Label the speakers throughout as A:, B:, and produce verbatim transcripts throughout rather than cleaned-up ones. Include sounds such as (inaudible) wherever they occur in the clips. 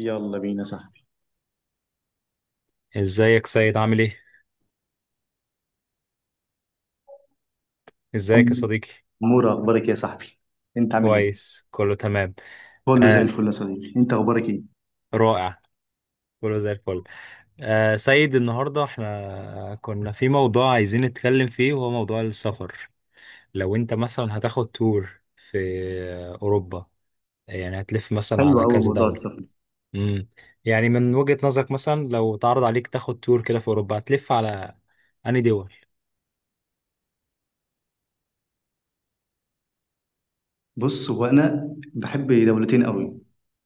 A: يلا بينا يا صاحبي.
B: ازيك سيد، عامل ايه؟ ازيك يا صديقي؟
A: مورا اخبارك إيه يا صاحبي؟ انت عامل ايه؟
B: كويس، كله تمام.
A: كله زي
B: آه.
A: الفل يا صديقي، انت اخبارك ايه؟
B: رائع. كله زي الفل. آه سيد، النهارده احنا كنا في موضوع عايزين نتكلم فيه، وهو موضوع السفر. لو انت مثلا هتاخد تور في آه، اوروبا، يعني هتلف مثلا
A: حلو
B: على
A: قوي
B: كذا
A: موضوع
B: دولة.
A: السفر.
B: امم يعني، من وجهة نظرك مثلا، لو اتعرض عليك تاخد تور كده في اوروبا، هتلف على انهي دول؟
A: بص، هو انا بحب دولتين قوي،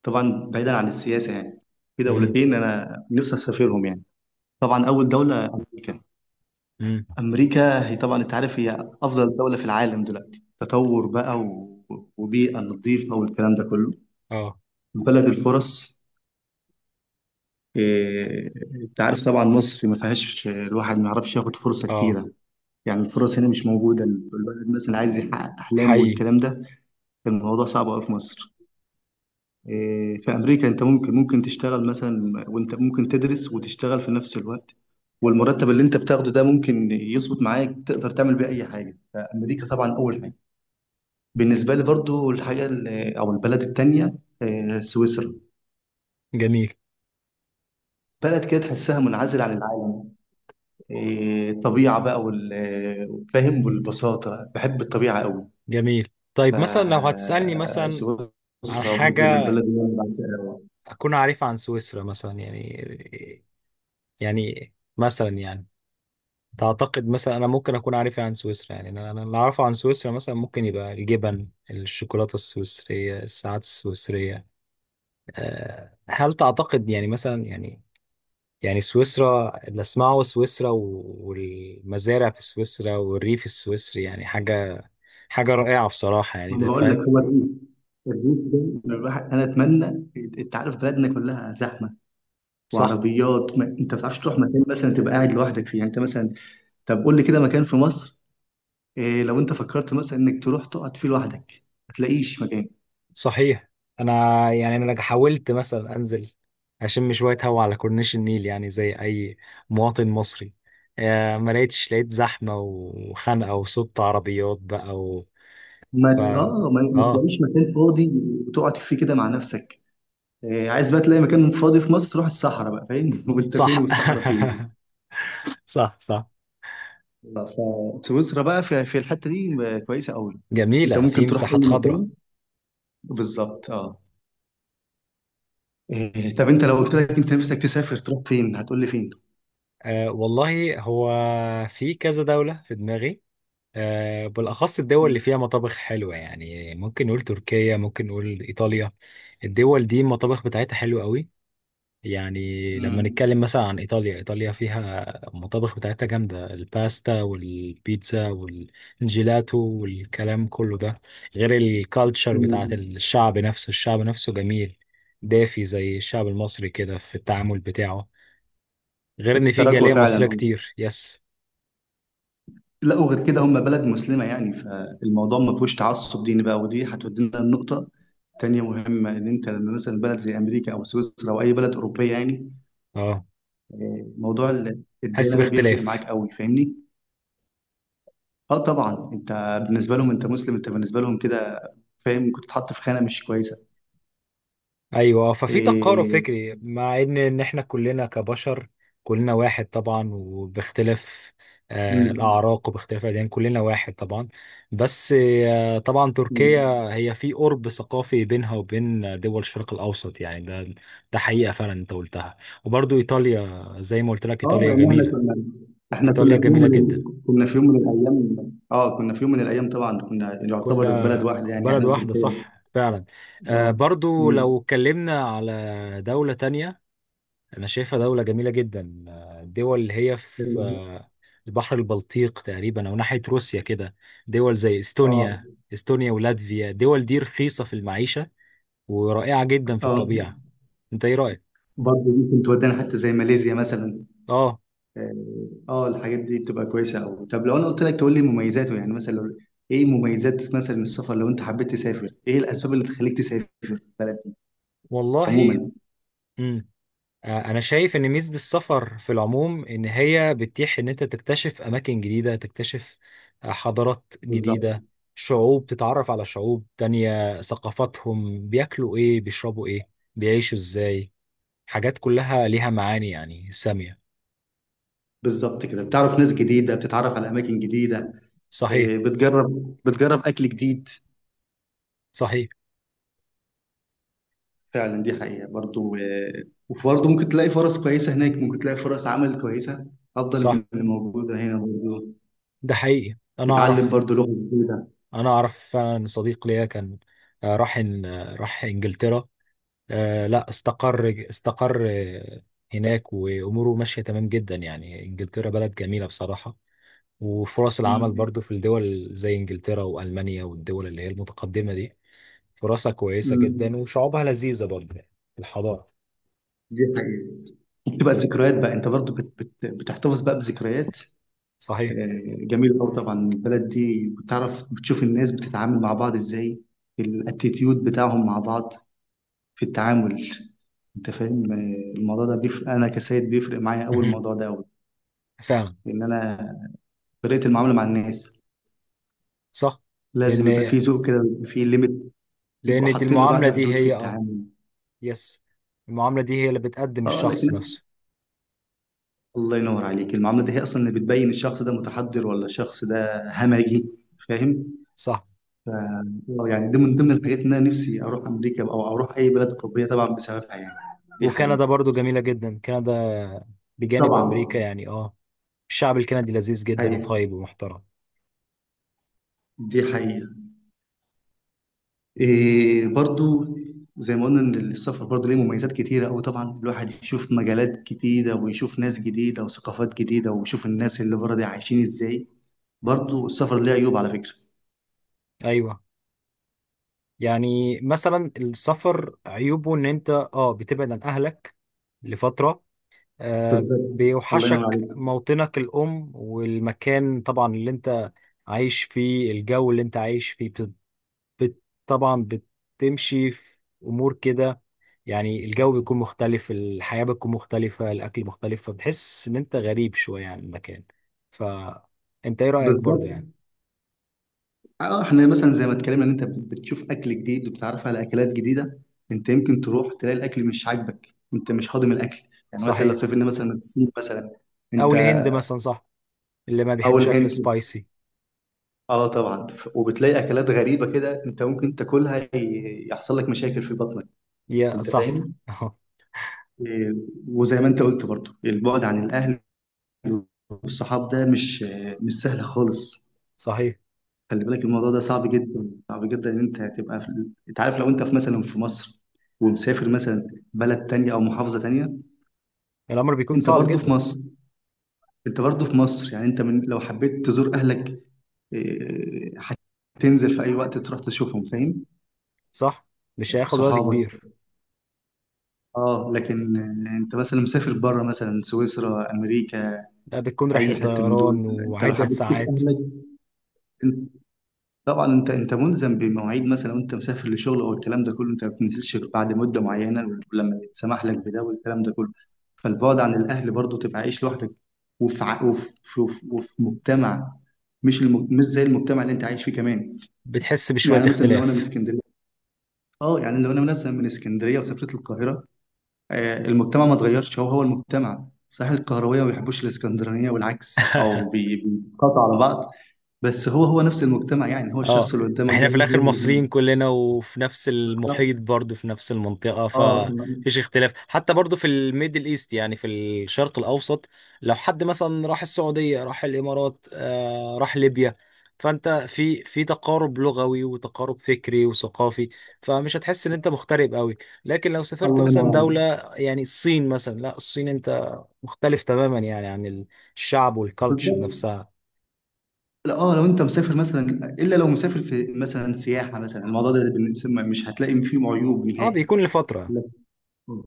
A: طبعا بعيدا عن السياسه يعني. في
B: امم.
A: دولتين انا نفسي اسافرهم يعني. طبعا اول دوله امريكا.
B: امم.
A: امريكا هي طبعا انت عارف هي افضل دوله في العالم دلوقتي، تطور بقى و... وبيئه نظيفه والكلام ده كله.
B: اه.
A: بلد الفرص. إيه، انت عارف طبعا مصر ما فيهاش الواحد ما يعرفش ياخد فرصه
B: اه.
A: كتيره. يعني الفرص هنا مش موجودة، الواحد مثلا عايز يحقق أحلامه
B: حقيقي.
A: والكلام ده. الموضوع صعب أوي في مصر. إيه، في أمريكا أنت ممكن ممكن تشتغل مثلا، وأنت ممكن تدرس وتشتغل في نفس الوقت، والمرتب اللي أنت بتاخده ده ممكن يظبط معاك، تقدر تعمل بيه أي حاجة. فأمريكا طبعا أول حاجة بالنسبة لي. برضو الحاجة ال- أو البلد التانية إيه، سويسرا.
B: جميل.
A: بلد كده تحسها منعزل عن العالم، إيه، طبيعة بقى وال- فاهم، والبساطة. بحب الطبيعة أوي.
B: جميل. طيب مثلا، لو هتسألني مثلا عن
A: فسويسرا برضه من
B: حاجة
A: البلد اللي انا بعشقها أوي.
B: أكون عارفها عن سويسرا، مثلا يعني يعني مثلا يعني تعتقد مثلا أنا ممكن أكون عارفها عن سويسرا، يعني أنا أنا اللي أعرفه عن سويسرا مثلا ممكن يبقى الجبن، الشوكولاتة السويسرية، الساعات السويسرية. أه هل تعتقد يعني، مثلا يعني يعني سويسرا اللي أسمعه سويسرا و- والمزارع في سويسرا والريف السويسري، يعني حاجة حاجة رائعة بصراحة، يعني
A: انا
B: ده
A: بقول لك،
B: فاهم.
A: هو الريف، الريف ده، أنا الواحد انا اتمنى. انت عارف بلدنا كلها زحمه
B: صح؟
A: وعربيات ما... انت ما بتعرفش تروح مكان مثلا تبقى قاعد لوحدك فيه، يعني انت مثلا طب قول لي كده مكان في مصر، إيه، لو انت فكرت مثلا انك تروح تقعد فيه لوحدك ما تلاقيش مكان.
B: صحيح. انا، يعني انا لك- حاولت مثلا انزل اشم شويه هوا على كورنيش النيل، يعني زي اي مواطن مصري. آه، ما لقيتش، لقيت زحمه وخنقه وصوت عربيات بقى و...
A: ما
B: ف
A: ت- اه ما, ما
B: اه.
A: تلاقيش مكان فاضي وتقعد فيه كده مع نفسك. إيه، عايز بقى تلاقي مكان فاضي في مصر، تروح الصحراء بقى، فاهم؟ (laughs) وانت فين
B: صح.
A: والصحراء فين!
B: (laughs) صح، صح.
A: فسويسرا بقى في في الحته دي كويسه قوي. انت
B: جميله، في
A: ممكن تروح
B: مساحات
A: اي
B: خضراء.
A: مكان. بالظبط، اه. إيه، طب انت لو قلت لك انت نفسك تسافر تروح فين هتقول لي فين؟
B: آه والله، هو في كذا دوله في دماغي. آه بالاخص الدول اللي
A: مم.
B: فيها مطابخ حلوه، يعني ممكن نقول تركيا، ممكن نقول ايطاليا. الدول دي المطابخ بتاعتها حلوه قوي. يعني لما نتكلم مثلا عن إيطاليا، إيطاليا فيها المطابخ بتاعتها جامدة، الباستا والبيتزا والجيلاتو والكلام كله ده. غير الكالتشر بتاعت
A: مم.
B: الشعب نفسه، الشعب نفسه جميل، دافي زي الشعب المصري كده في التعامل بتاعه. غير إن في
A: التراكوة
B: جالية
A: فعلا،
B: مصرية
A: آه.
B: كتير. يس.
A: لا، وغير كده هم بلد مسلمة يعني، فالموضوع ما فيهوش تعصب ديني بقى. ودي هتودينا لنقطة تانية مهمة، إن أنت لما مثلا بلد زي أمريكا أو سويسرا أو أي بلد أوروبية يعني،
B: اه،
A: آه، موضوع ال-
B: حس
A: الديانة ده بيفرق
B: باختلاف.
A: معاك قوي، فاهمني؟ اه طبعا. انت بالنسبه لهم انت مسلم، انت بالنسبه لهم كده فاهم كنت تتحط في خانه مش كويسه.
B: ايوه، ففي تقارب
A: إيه...
B: فكري، مع ان ان احنا كلنا كبشر، كلنا واحد طبعا، وباختلاف آه،
A: مم.
B: الاعراق وباختلاف الاديان، كلنا واحد طبعا. بس آه، طبعا تركيا
A: مم.
B: هي في قرب ثقافي بينها وبين دول الشرق الاوسط، يعني ده ده حقيقه فعلا انت قلتها. وبرضو ايطاليا، زي ما قلت لك،
A: اه
B: ايطاليا
A: لان احنا
B: جميله.
A: كنا، احنا كنا
B: ايطاليا
A: في يوم
B: جميله
A: من ال...
B: جدا.
A: كنا في يوم من الايام، اه، كنا في يوم من الايام طبعا كنا يعتبر في بلد
B: كنا
A: واحده يعني
B: بلد
A: احنا
B: واحده،
A: وتركيا.
B: صح فعلا.
A: اه.
B: آه، برضو
A: مم.
B: لو اتكلمنا على دوله تانية، أنا شايفها دولة جميلة جدا. آه، الدول اللي هي في آه، البحر البلطيق تقريبا، أو ناحية روسيا كده. دول زي
A: اه.
B: إستونيا إستونيا ولاتفيا، الدول دي رخيصة في المعيشة، ورائعة جدا في
A: اه
B: الطبيعة. أنت إيه رأيك؟
A: برضه دي كنت ودانا حتى، زي ماليزيا مثلا.
B: آه
A: اه. آه، الحاجات دي بتبقى كويسه قوي. طب لو انا قلت لك تقول لي مميزاته يعني، مثلا لو ايه مميزات مثلا السفر، لو انت حبيت تسافر ايه الاسباب اللي تخليك تسافر بلد
B: والله.
A: عموما؟
B: مم. آه، أنا شايف إن ميزة السفر في العموم إن هي بتتيح إن أنت تكتشف أماكن جديدة، تكتشف آه، حضارات
A: بالظبط.
B: جديدة، شعوب، تتعرف على شعوب تانية، ثقافاتهم، بياكلوا إيه، بيشربوا إيه، بيعيشوا إزاي. حاجات كلها ليها معاني يعني سامية.
A: بالظبط كده، بتعرف ناس جديده، بتتعرف على اماكن جديده،
B: صحيح.
A: إيه، بتجرب بتجرب اكل جديد.
B: صحيح.
A: فعلا دي حقيقه. برضو إيه، وبرضو ممكن تلاقي فرص كويسه هناك، ممكن تلاقي فرص عمل كويسه افضل
B: صح.
A: من اللي موجوده هنا برضو.
B: ده حقيقي. أنا
A: تتعلم
B: أعرف.
A: برضو لغه جديده.
B: أنا أعرف فعلا، صديق ليا كان آه، راح إن- آه، راح إنجلترا. آه، لا، استقر استقر آه، هناك وأموره ماشية تمام جدا، يعني إنجلترا بلد جميلة بصراحة. وفرص العمل
A: امم،
B: برضو في الدول زي إنجلترا وألمانيا، والدول اللي هي المتقدمة دي، فرصها كويسة جدا وشعوبها لذيذة برضو. الحضارة.
A: دي حقيقه. بتبقى الذكريات بقى، انت برضو بت بت بتحتفظ بقى بذكريات،
B: صحيح.
A: آه، جميل قوي. طبعا البلد دي بتعرف، بتشوف الناس بتتعامل مع بعض ازاي، الاتيتيود بتاعهم مع بعض في التعامل. انت فاهم، آه، الموضوع ده بيفرق، انا كسيد بيفرق معايا
B: (laughs)
A: قوي
B: مهم.
A: الموضوع ده قوي.
B: فعلا.
A: لان انا، طريقه المعامله مع الناس
B: صح. لأن
A: لازم يبقى في ذوق كده، ويبقى في ليميت، بيبقوا
B: لان دي،
A: حاطين
B: المعامله
A: لبعض
B: دي
A: حدود في
B: هي اه
A: التعامل.
B: يس، المعامله دي هي اللي بتقدم
A: اه لكن،
B: الشخص نفسه.
A: الله ينور عليك، المعامله دي هي اصلا اللي بتبين الشخص ده متحضر ولا الشخص ده همجي، فاهم؟
B: صح.
A: ف- آه، يعني دي من ضمن الحاجات ان انا نفسي اروح امريكا او اروح اي بلد اوروبيه طبعا بسببها يعني. دي حقيقه.
B: وكندا برضو جميله جدا، كندا بجانب امريكا
A: طبعا.
B: يعني. اه، الشعب الكندي لذيذ جدا،
A: ايوه،
B: وطيب ومحترم.
A: دي حقيقه. إيه برضو، زي ما قلنا ان السفر برضو ليه مميزات كتيره قوي، طبعا الواحد يشوف مجالات جديده، ويشوف ناس جديده، وثقافات جديده، ويشوف الناس اللي بره دي عايشين ازاي. برضو السفر ليه عيوب على فكره.
B: ايوه، يعني مثلا السفر عيوبه ان انت اه بتبعد عن اهلك لفتره. آه
A: بالظبط. الله ينور
B: بيوحشك
A: عليك.
B: موطنك الام، والمكان طبعا اللي انت عايش فيه، الجو اللي انت عايش فيه. بت... بت... طبعا بتمشي في امور كده، يعني الجو بيكون مختلف، الحياة بتكون مختلفة، الأكل مختلف، فبتحس إن أنت غريب شوية عن المكان. فأنت إيه رأيك برضو
A: بالظبط،
B: يعني؟
A: اه. احنا مثلا زي ما اتكلمنا ان انت بتشوف اكل جديد وبتعرف على اكلات جديده، انت يمكن تروح تلاقي الاكل مش عاجبك، انت مش هاضم الاكل. يعني مثلا لو
B: صحيح.
A: سافرنا مثلا الصين مثلا،
B: أو
A: انت
B: الهند مثلا، صح، اللي ما
A: اول
B: بيحبش أكل
A: هنت
B: سبايسي.
A: اه طبعا، ف- وبتلاقي اكلات غريبه كده انت ممكن تاكلها، ي- يحصل لك مشاكل في بطنك،
B: يا
A: انت
B: صح.
A: فاهم؟
B: (laughs) أهو.
A: إيه، وزي ما انت قلت برضو البعد عن الاهل والصحاب ده مش، مش سهل خالص.
B: صحيح.
A: خلي بالك الموضوع ده صعب جدا، صعب جدا، ان انت هتبقى في... انت عارف لو انت في مثلا في مصر ومسافر مثلا بلد تانية او محافظة تانية،
B: الأمر بيكون
A: انت
B: صعب
A: برضه في
B: جدا.
A: مصر، انت برضه في مصر يعني انت من... لو حبيت تزور اهلك، إيه، هتنزل في اي وقت تروح تشوفهم، فاهم؟
B: صح، مش هياخد وقت
A: صحابك،
B: كبير.
A: اه. لكن، آه، انت مثلا مسافر بره مثلا سويسرا، امريكا،
B: لا، بتكون رحلة
A: اي حته من دول،
B: طيران
A: انت لو
B: وعدة
A: حبيت تشوف
B: ساعات.
A: اهلك، طبعا انت انت ملزم بمواعيد مثلا، وانت مسافر لشغل او الكلام ده كله، انت ما بتنزلش غير بعد مده معينه، ولما يتسمح لك بده والكلام ده كله. فالبعد عن الاهل، برضه تبقى عايش لوحدك، وفي ع- وفي وفي وفي مجتمع مش الم... مش زي المجتمع اللي انت عايش فيه كمان.
B: بتحس بشوية
A: يعني مثلا لو انا من
B: اختلاف.
A: اسكندريه، اه، يعني لو انا مثلا من اسكندريه وسافرت القاهره، آه المجتمع ما اتغيرش، هو هو المجتمع، صحيح القهرويه ما بيحبوش الاسكندرانيه والعكس او
B: (laughs)
A: بي- بيتقاطعوا على بعض، بس هو هو نفس المجتمع يعني، هو
B: اه،
A: الشخص اللي قدامك
B: احنا
A: ده هو
B: في
A: هو
B: الاخر
A: اللي
B: مصريين
A: هو.
B: كلنا، وفي نفس
A: بالظبط،
B: المحيط برضو، في نفس المنطقة،
A: اه.
B: فمفيش اختلاف. حتى برضو في الميدل ايست، يعني في الشرق الاوسط، لو حد مثلا راح السعودية، راح الامارات، آه راح ليبيا، فانت في في تقارب لغوي وتقارب فكري وثقافي، فمش هتحس ان انت مغترب قوي. لكن لو سافرت
A: الله ينور
B: مثلا دولة،
A: عليك.
B: يعني الصين مثلا. لا، الصين انت مختلف تماما يعني عن الشعب والكالتشر
A: بالظبط.
B: نفسها.
A: لا، اه لو انت مسافر مثلا، الا لو مسافر في مثلا سياحه مثلا، الموضوع ده بالنسبة- مش هتلاقي فيه عيوب
B: اه،
A: نهائي.
B: بيكون لفترة.
A: لكن،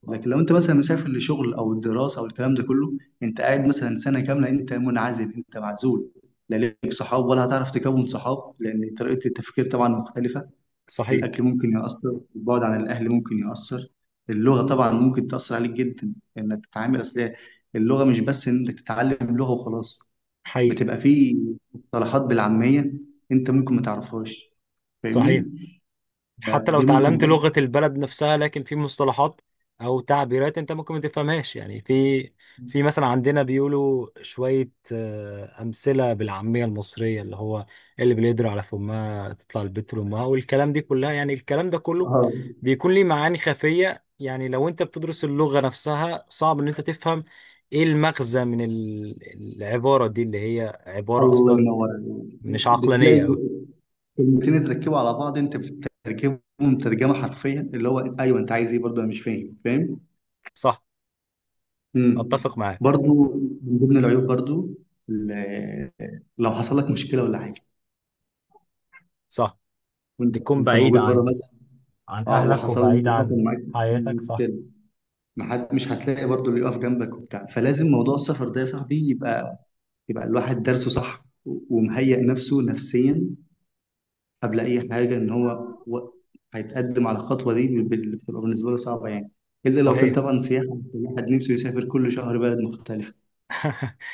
A: لكن لو انت مثلا مسافر لشغل او دراسه او الكلام ده كله، انت قاعد مثلا سنه كامله، انت منعزل، انت معزول، لا ليك صحاب ولا هتعرف تكون صحاب، لان طريقه التفكير طبعا مختلفه.
B: صحيح.
A: الأكل ممكن يأثر، البعد عن الأهل ممكن يأثر، اللغة طبعا ممكن تأثر عليك جدا، إنك تتعامل، أصل اللغة مش بس إنك تتعلم لغة وخلاص،
B: حقيقي.
A: بتبقى في مصطلحات بالعامية أنت ممكن ما تعرفهاش، فاهمني؟
B: صحيح. حتى لو
A: دي ممكن
B: تعلمت
A: برضه،
B: لغة البلد نفسها، لكن في مصطلحات أو تعبيرات أنت ممكن ما تفهمهاش، يعني في في مثلا عندنا بيقولوا شوية آه، أمثلة بالعامية المصرية، اللي هو اللي باليدر على فمها تطلع البت لأمها، والكلام دي كلها، يعني الكلام ده كله
A: اه،
B: بيكون ليه معاني خفية. يعني لو أنت بتدرس اللغة نفسها، صعب إن أنت تفهم إيه المغزى من ال- العبارة دي، اللي هي عبارة
A: الله
B: أصلا
A: ينور عليك،
B: مش
A: بتلاقي
B: عقلانية أوي.
A: جو- كلمتين اتركبوا على بعض، أنت بتترجمهم ترجمة حرفيا، اللي هو أيوه أنت عايز إيه برضه، أنا مش فاهم، فاهم؟
B: صح.
A: امم.
B: أتفق معاك.
A: برضو من ضمن العيوب برضو، ال- لو حصل لك مشكله ولا حاجه
B: صح،
A: وانت،
B: بتكون
A: وانت
B: بعيدة
A: موجود بره
B: عنه،
A: مثلا،
B: عن
A: اه
B: أهلك،
A: وحصل،
B: وبعيد
A: حصل
B: عن
A: معاك
B: حياتك. صح.
A: مشكله، ما حد، مش هتلاقي برضو اللي يقف جنبك وبتاع. فلازم موضوع السفر ده يا صاحبي يبقى، يبقى الواحد درسه صح و- ومهيئ نفسه نفسيا قبل اي حاجه، ان هو و- هيتقدم على الخطوه دي بال- اللي بتبقى بالنسبه له صعبه يعني. الا لو كان
B: صحيح.
A: طبعا سياحه، الواحد نفسه يسافر كل شهر بلد مختلفه.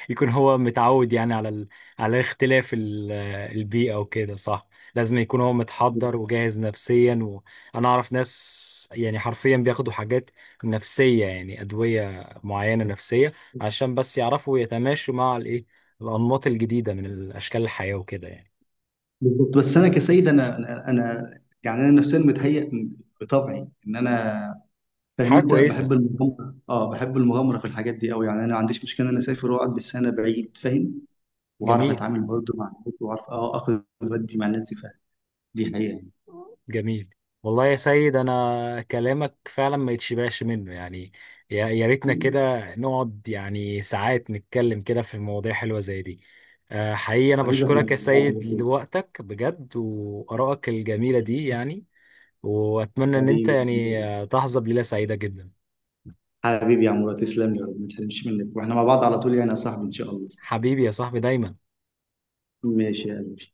B: يكون هو متعود يعني على ال... على اختلاف ال... البيئة وكده، صح. لازم يكون هو متحضر وجاهز نفسيا. وأنا أعرف ناس يعني حرفيا بياخدوا حاجات نفسية، يعني أدوية معينة نفسية، عشان بس يعرفوا يتماشوا مع الإيه، الأنماط الجديدة من الأشكال الحياة وكده يعني.
A: بالظبط. بس انا كسيد انا انا أنا- يعني انا نفسيا متهيئ بطبعي، ان انا فاهم،
B: حاجة
A: انت
B: كويسة.
A: بحب المغامره، اه بحب المغامره في الحاجات دي قوي يعني، انا ما عنديش مشكله ان انا اسافر واقعد بالسنه بعيد، فاهم؟ واعرف
B: جميل.
A: اتعامل برضه مع الناس، واعرف اه اخد ودي مع الناس دي، فاهم؟ دي حقيقه
B: جميل. والله يا سيد، انا كلامك فعلا ما يتشبعش منه يعني. يا يا ريتنا كده،
A: يعني.
B: نقعد يعني ساعات نتكلم كده في مواضيع حلوة زي دي. آه، حقيقي انا
A: حبيبي احنا
B: بشكرك يا
A: مع بعض
B: سيد
A: على طول.
B: لوقتك بجد، وآرائك الجميلة دي يعني. واتمنى ان انت
A: حبيبي يا
B: يعني
A: زميلي،
B: آه، تحظى بليلة سعيدة جدا.
A: حبيبي يا عمرو، تسلم لي يا رب، ما تحرمش منك، واحنا مع بعض على طول يعني يا صاحبي ان شاء الله.
B: حبيبي يا صاحبي دايما.
A: ماشي يا قلبي.